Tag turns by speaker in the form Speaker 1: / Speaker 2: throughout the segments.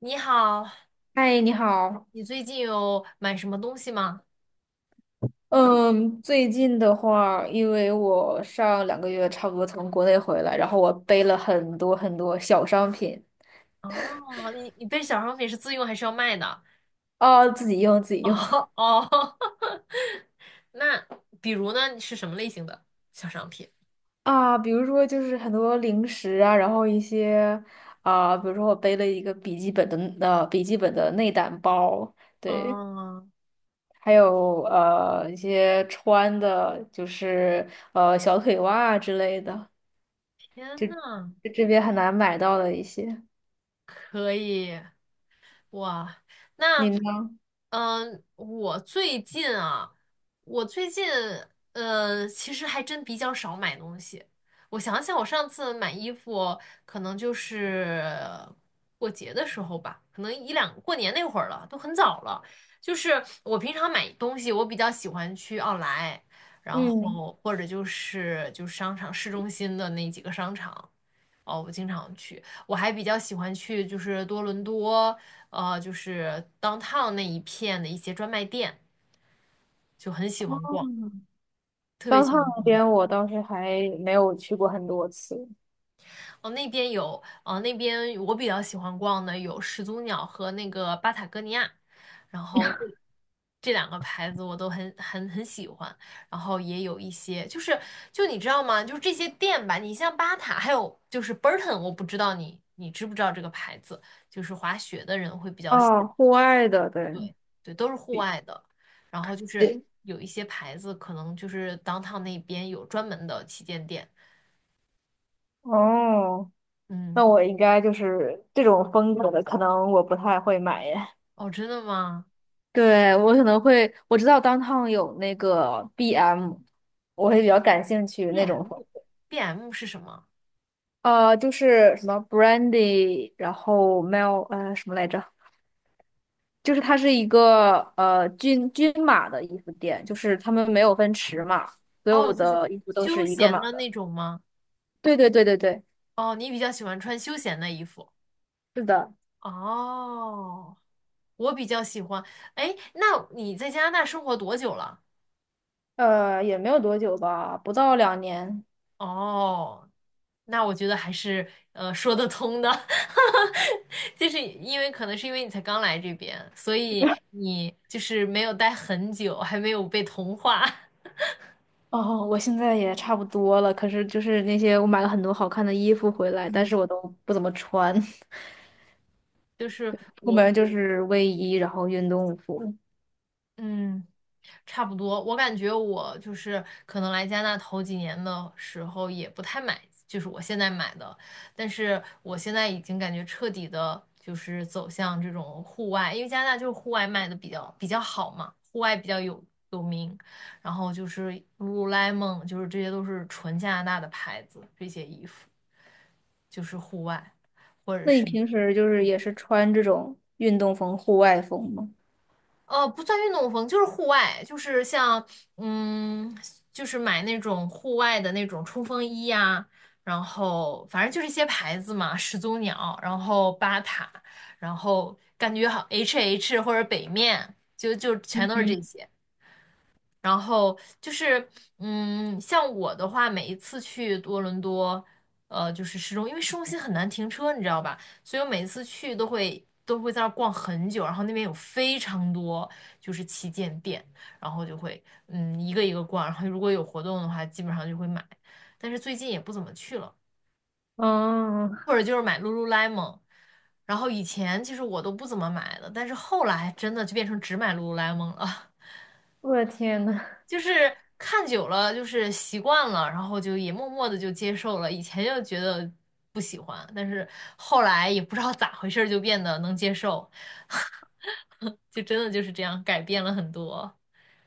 Speaker 1: 你好，
Speaker 2: 嗨，你好。
Speaker 1: 你最近有买什么东西吗？
Speaker 2: 嗯，最近的话，因为我上2个月差不多从国内回来，然后我背了很多很多小商品。
Speaker 1: 哦，你被小商品是自用还是要卖的？
Speaker 2: 啊，自己用自 己用。
Speaker 1: 哦哦，那比如呢，你是什么类型的小商品？
Speaker 2: 啊，比如说就是很多零食啊，然后一些。啊，比如说我背了一个笔记本的内胆包，对。
Speaker 1: 哦，
Speaker 2: 还有一些穿的，就是小腿袜之类的，
Speaker 1: 天
Speaker 2: 就
Speaker 1: 呐，
Speaker 2: 就这边很难买到的一些。
Speaker 1: 可以，哇，
Speaker 2: 你
Speaker 1: 那，
Speaker 2: 呢？
Speaker 1: 嗯、我最近啊，我最近，其实还真比较少买东西。我想想，我上次买衣服可能就是过节的时候吧，可能一两过年那会儿了，都很早了。就是我平常买东西，我比较喜欢去奥莱，然
Speaker 2: 嗯。
Speaker 1: 后或者就是商场市中心的那几个商场。哦，我经常去，我还比较喜欢去，就是多伦多，就是 downtown 那一片的一些专卖店，就很喜欢逛，
Speaker 2: 嗯，
Speaker 1: 特别
Speaker 2: 当
Speaker 1: 喜
Speaker 2: 趟
Speaker 1: 欢
Speaker 2: 那
Speaker 1: 逛那
Speaker 2: 边
Speaker 1: 个。
Speaker 2: 我倒是还没有去过很多次。
Speaker 1: 哦，那边有，那边我比较喜欢逛的有始祖鸟和那个巴塔哥尼亚，然后这两个牌子我都很很很喜欢。然后也有一些，就是就你知道吗？就是这些店吧，你像巴塔，还有就是 Burton，我不知道你知不知道这个牌子，就是滑雪的人会比较喜。
Speaker 2: 哦，户外的，对，
Speaker 1: 对对，都是户外的。然后就是
Speaker 2: 对。
Speaker 1: 有一些牌子，可能就是 downtown 那边有专门的旗舰店。
Speaker 2: 哦，
Speaker 1: 嗯，
Speaker 2: 那我应该就是这种风格的，可能我不太会买耶。
Speaker 1: 哦，真的吗
Speaker 2: 对，我可能会，我知道当 o 有那个 BM，我会比较感兴趣那种风格。
Speaker 1: ？BM，BM 是什么？
Speaker 2: 就是什么 Brandy，然后 Mel，什么来着？就是它是一个均码的衣服店，就是他们没有分尺码，所
Speaker 1: 哦，
Speaker 2: 有
Speaker 1: 就是
Speaker 2: 的衣服都
Speaker 1: 休
Speaker 2: 是一个
Speaker 1: 闲
Speaker 2: 码
Speaker 1: 的
Speaker 2: 的。
Speaker 1: 那种吗？
Speaker 2: 对对对对对，
Speaker 1: 哦，你比较喜欢穿休闲的衣服。
Speaker 2: 是的。
Speaker 1: 哦，我比较喜欢。哎，那你在加拿大生活多久了？
Speaker 2: 也没有多久吧，不到2年。
Speaker 1: 哦，那我觉得还是说得通的，就是因为可能是因为你才刚来这边，所以 你就是没有待很久，还没有被同化。
Speaker 2: 哦，我现在也差不多了，可是就是那些我买了很多好看的衣服回来，但
Speaker 1: 嗯，
Speaker 2: 是我都不怎么穿。
Speaker 1: 就是
Speaker 2: 出
Speaker 1: 我，
Speaker 2: 门就是卫衣，然后运动服。
Speaker 1: 嗯，差不多，我感觉我就是可能来加拿大头几年的时候也不太买，就是我现在买的，但是我现在已经感觉彻底的，就是走向这种户外，因为加拿大就是户外卖的比较好嘛，户外比较有名，然后就是 LULU 就是这些都是纯加拿大的牌子，这些衣服就是户外或者
Speaker 2: 那你
Speaker 1: 是
Speaker 2: 平时就是也是穿这种运动风、户外风吗？
Speaker 1: 不算运动风，就是户外，就是像，嗯，就是买那种户外的那种冲锋衣呀、然后反正就是一些牌子嘛，始祖鸟，然后巴塔，然后感觉好 HH 或者北面，就全都是
Speaker 2: 嗯，
Speaker 1: 这些。然后就是，像我的话，每一次去多伦多，就是市中，因为市中心很难停车，你知道吧？所以我每次去都会在那儿逛很久，然后那边有非常多就是旗舰店，然后就会一个一个逛，然后如果有活动的话，基本上就会买，但是最近也不怎么去了，
Speaker 2: 哦，
Speaker 1: 或者就是买 Lululemon。然后以前其实我都不怎么买的，但是后来真的就变成只买 Lululemon 了。
Speaker 2: 我的天呐！
Speaker 1: 就是看久了，就是习惯了，然后就也默默的就接受了。以前就觉得不喜欢，但是后来也不知道咋回事儿，就变得能接受，就真的就是这样改变了很多。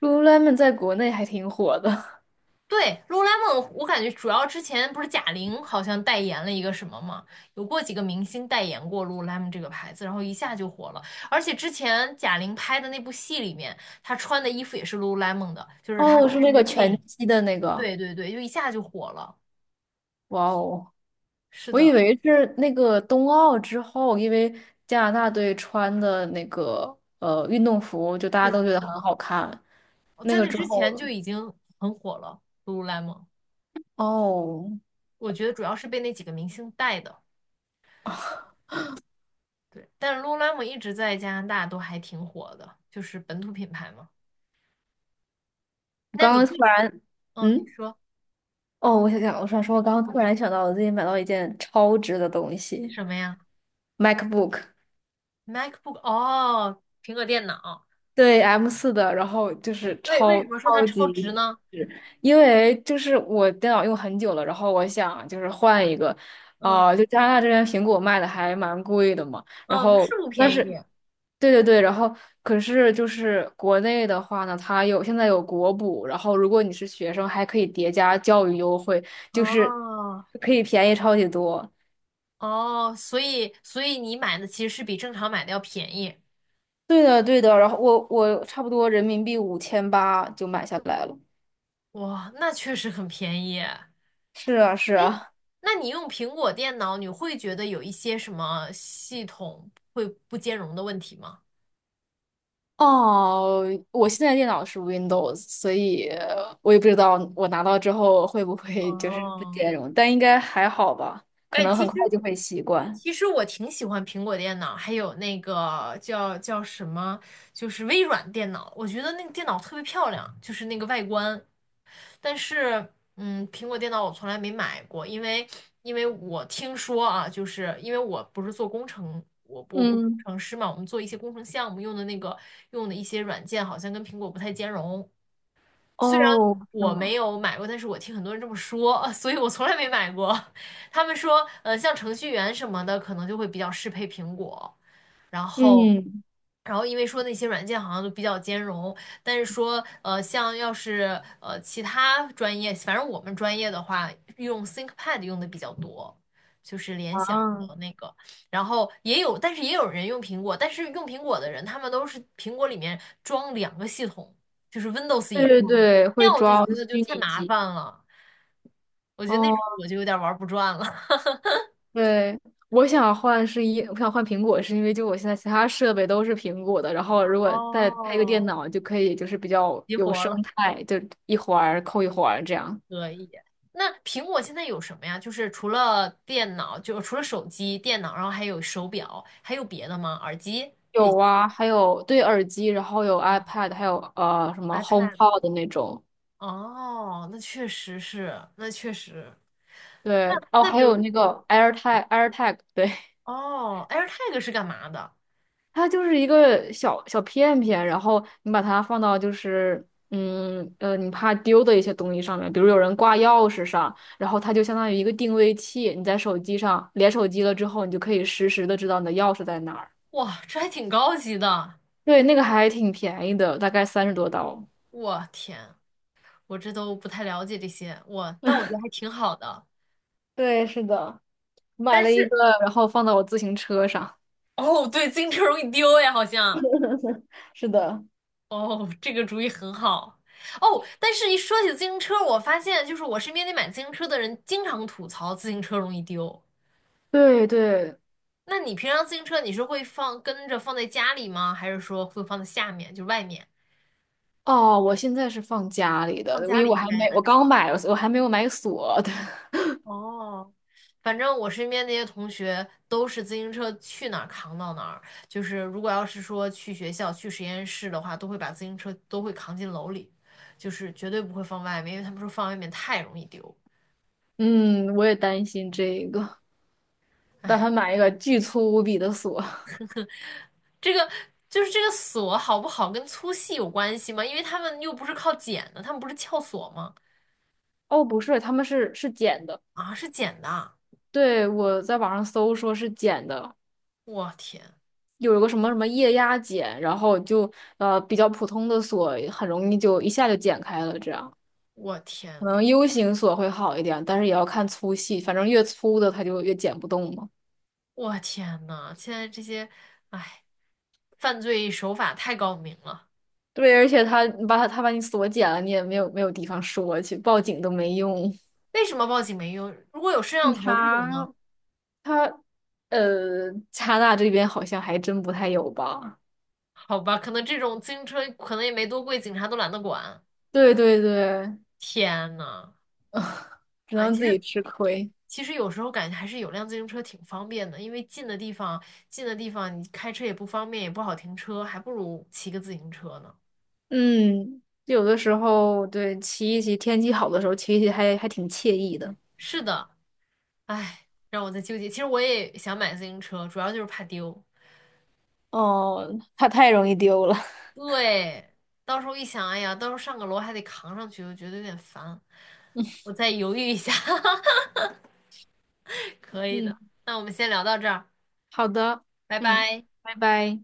Speaker 2: Lululemon 在国内还挺火的。
Speaker 1: 对，Lululemon，我感觉主要之前不是贾玲好像代言了一个什么嘛，有过几个明星代言过 Lululemon 这个牌子，然后一下就火了。而且之前贾玲拍的那部戏里面，她穿的衣服也是 Lululemon 的，就是她
Speaker 2: 哦，是
Speaker 1: 拍
Speaker 2: 那
Speaker 1: 那
Speaker 2: 个
Speaker 1: 个电
Speaker 2: 拳
Speaker 1: 影。
Speaker 2: 击的那个。
Speaker 1: 对对对，就一下就火了。
Speaker 2: 哇哦，
Speaker 1: 是
Speaker 2: 我以
Speaker 1: 的，
Speaker 2: 为是那个冬奥之后，因为加拿大队穿的那个运动服，就大家
Speaker 1: 是
Speaker 2: 都觉
Speaker 1: 的。
Speaker 2: 得很好看。
Speaker 1: 我
Speaker 2: 那
Speaker 1: 在
Speaker 2: 个
Speaker 1: 那
Speaker 2: 之
Speaker 1: 之
Speaker 2: 后，
Speaker 1: 前就已经很火了，Lululemon。
Speaker 2: 哦，
Speaker 1: 我觉得主要是被那几个明星带的。对，但 Lululemon 一直在加拿大都还挺火的，就是本土品牌嘛。
Speaker 2: 我
Speaker 1: 那
Speaker 2: 刚
Speaker 1: 你
Speaker 2: 刚
Speaker 1: 会，
Speaker 2: 突然，
Speaker 1: 嗯，你
Speaker 2: 嗯，
Speaker 1: 说
Speaker 2: 哦，我想想，我想说，我刚刚突然想到，我最近买到一件超值的东西
Speaker 1: 什么呀
Speaker 2: ，MacBook。
Speaker 1: ？MacBook 哦，苹果电脑。
Speaker 2: 对 M4的，然后就是
Speaker 1: 为为
Speaker 2: 超，
Speaker 1: 什么说它
Speaker 2: 超
Speaker 1: 超值
Speaker 2: 级
Speaker 1: 呢？
Speaker 2: 是。因为就是我电脑用很久了，然后我
Speaker 1: 嗯
Speaker 2: 想就是换一个。啊、就加拿大这边苹果卖的还蛮贵的嘛，然
Speaker 1: 嗯，它
Speaker 2: 后
Speaker 1: 是不
Speaker 2: 但
Speaker 1: 便
Speaker 2: 是，
Speaker 1: 宜。
Speaker 2: 对对对。然后可是就是国内的话呢，它有现在有国补，然后如果你是学生，还可以叠加教育优惠，就是
Speaker 1: 哦
Speaker 2: 可以便宜超级多。
Speaker 1: 哦，所以你买的其实是比正常买的要便宜。
Speaker 2: 对的对的，然后我差不多人民币5800就买下来了。
Speaker 1: 哇，那确实很便宜。
Speaker 2: 是啊是
Speaker 1: 哎，
Speaker 2: 啊。
Speaker 1: 那你用苹果电脑，你会觉得有一些什么系统会不兼容的问题吗？
Speaker 2: 哦，我现在电脑是 Windows，所以我也不知道我拿到之后会不会就是 不
Speaker 1: 哦，
Speaker 2: 兼容，但应该还好吧，可
Speaker 1: 哎，
Speaker 2: 能
Speaker 1: 其
Speaker 2: 很快
Speaker 1: 实
Speaker 2: 就会习惯。
Speaker 1: 其实我挺喜欢苹果电脑，还有那个叫什么，就是微软电脑，我觉得那个电脑特别漂亮，就是那个外观。但是，苹果电脑我从来没买过，因为我听说啊，就是因为我不是做工程，我不是工
Speaker 2: 嗯，
Speaker 1: 程师嘛，我们做一些工程项目用的那个用的一些软件好像跟苹果不太兼容，虽然
Speaker 2: 哦，是
Speaker 1: 我没
Speaker 2: 吗？
Speaker 1: 有买过，但是我听很多人这么说，所以我从来没买过。他们说，像程序员什么的，可能就会比较适配苹果，然后。
Speaker 2: 嗯，
Speaker 1: 然后因为说那些软件好像都比较兼容，但是说像要是其他专业，反正我们专业的话，用 ThinkPad 用的比较多，就是联想
Speaker 2: 啊，
Speaker 1: 的那个。然后也有，但是也有人用苹果，但是用苹果的人，他们都是苹果里面装两个系统，就是 Windows
Speaker 2: 对
Speaker 1: 也
Speaker 2: 对
Speaker 1: 装。
Speaker 2: 对，
Speaker 1: 那
Speaker 2: 会
Speaker 1: 样我就
Speaker 2: 装
Speaker 1: 觉得就
Speaker 2: 虚
Speaker 1: 太
Speaker 2: 拟
Speaker 1: 麻烦
Speaker 2: 机。
Speaker 1: 了，我觉得那种
Speaker 2: 哦，
Speaker 1: 我就有点玩不转了，
Speaker 2: 对，我想换苹果，是因为就我现在其他设备都是苹果的，然后如果再配个电
Speaker 1: 哦，
Speaker 2: 脑，就可以就是比较
Speaker 1: 急
Speaker 2: 有
Speaker 1: 活儿
Speaker 2: 生
Speaker 1: 了，
Speaker 2: 态，就一环儿扣一环儿这样。
Speaker 1: 可以。那苹果现在有什么呀？就是除了电脑，就是除了手机、电脑，然后还有手表，还有别的吗？耳机这
Speaker 2: 有
Speaker 1: 些
Speaker 2: 啊，还有对耳机，然后有
Speaker 1: 嗯，
Speaker 2: iPad，还有什么
Speaker 1: ，iPad。
Speaker 2: HomePod 的那种，
Speaker 1: 哦，那确实是，那确实。
Speaker 2: 对。哦，
Speaker 1: 那
Speaker 2: 还
Speaker 1: 比
Speaker 2: 有
Speaker 1: 如，
Speaker 2: 那个 AirTag，对。
Speaker 1: 哦，AirTag 是干嘛的？
Speaker 2: 它就是一个小小片片，然后你把它放到就是你怕丢的一些东西上面，比如有人挂钥匙上，然后它就相当于一个定位器，你在手机上连手机了之后，你就可以实时的知道你的钥匙在哪儿。
Speaker 1: 哇，这还挺高级的。
Speaker 2: 对，那个还挺便宜的，大概30多刀。
Speaker 1: 我天，我这都不太了解这些，我，但我觉得还挺好的。
Speaker 2: 对，是的，买
Speaker 1: 但
Speaker 2: 了一
Speaker 1: 是。
Speaker 2: 个，然后放到我自行车上。
Speaker 1: 哦，对，自行车容易丢呀，好像。
Speaker 2: 是的，
Speaker 1: 哦，这个主意很好。哦，但是一说起自行车，我发现就是我身边那买自行车的人经常吐槽自行车容易丢。
Speaker 2: 对对。
Speaker 1: 那你平常自行车你是会放跟着放在家里吗？还是说会放在下面，就外面？
Speaker 2: 哦，我现在是放家里的，
Speaker 1: 放
Speaker 2: 因
Speaker 1: 家
Speaker 2: 为
Speaker 1: 里
Speaker 2: 我
Speaker 1: 应
Speaker 2: 还
Speaker 1: 该
Speaker 2: 没，我
Speaker 1: 安全。
Speaker 2: 刚买，了，我还没有买锁的。
Speaker 1: 哦，反正我身边那些同学都是自行车去哪儿扛到哪儿，就是如果要是说去学校、去实验室的话，都会把自行车都会扛进楼里，就是绝对不会放外面，因为他们说放外面太容易丢。
Speaker 2: 嗯，我也担心这个，打算买一个巨粗无比的锁。
Speaker 1: 这个就是这个锁好不好跟粗细有关系吗？因为他们又不是靠剪的，他们不是撬锁吗？
Speaker 2: 哦，不是，他们是剪的。
Speaker 1: 啊，是剪的啊，
Speaker 2: 对，我在网上搜说是剪的，
Speaker 1: 我天，
Speaker 2: 有一个什么什么液压剪，然后就比较普通的锁很容易就一下就剪开了，这样
Speaker 1: 我
Speaker 2: 可
Speaker 1: 天，
Speaker 2: 能 U 型锁会好一点，但是也要看粗细，反正越粗的它就越剪不动嘛。
Speaker 1: 我天呐，现在这些，哎，犯罪手法太高明了。
Speaker 2: 对，而且他把你锁检了，你也没有没有地方说去，报警都没用。
Speaker 1: 为什么报警没用？如果有摄
Speaker 2: 警
Speaker 1: 像头这
Speaker 2: 察
Speaker 1: 种呢？
Speaker 2: 他加拿大这边好像还真不太有吧？
Speaker 1: 好吧，可能这种自行车可能也没多贵，警察都懒得管。
Speaker 2: 对对对，
Speaker 1: 天呐，
Speaker 2: 只
Speaker 1: 哎，
Speaker 2: 能
Speaker 1: 其
Speaker 2: 自
Speaker 1: 实
Speaker 2: 己吃亏。
Speaker 1: 其实有时候感觉还是有辆自行车挺方便的，因为近的地方你开车也不方便，也不好停车，还不如骑个自行车呢。
Speaker 2: 嗯，有的时候对骑一骑，天气好的时候骑一骑还挺惬意的。
Speaker 1: 是的，哎，让我在纠结。其实我也想买自行车，主要就是怕丢。
Speaker 2: 哦，它太容易丢了。
Speaker 1: 对，到时候一想，哎呀，到时候上个楼还得扛上去，我觉得有点烦。我再犹豫一下。可以的。
Speaker 2: 嗯，
Speaker 1: 那我们先聊到这儿，
Speaker 2: 好的，
Speaker 1: 拜
Speaker 2: 嗯，
Speaker 1: 拜。
Speaker 2: 拜拜。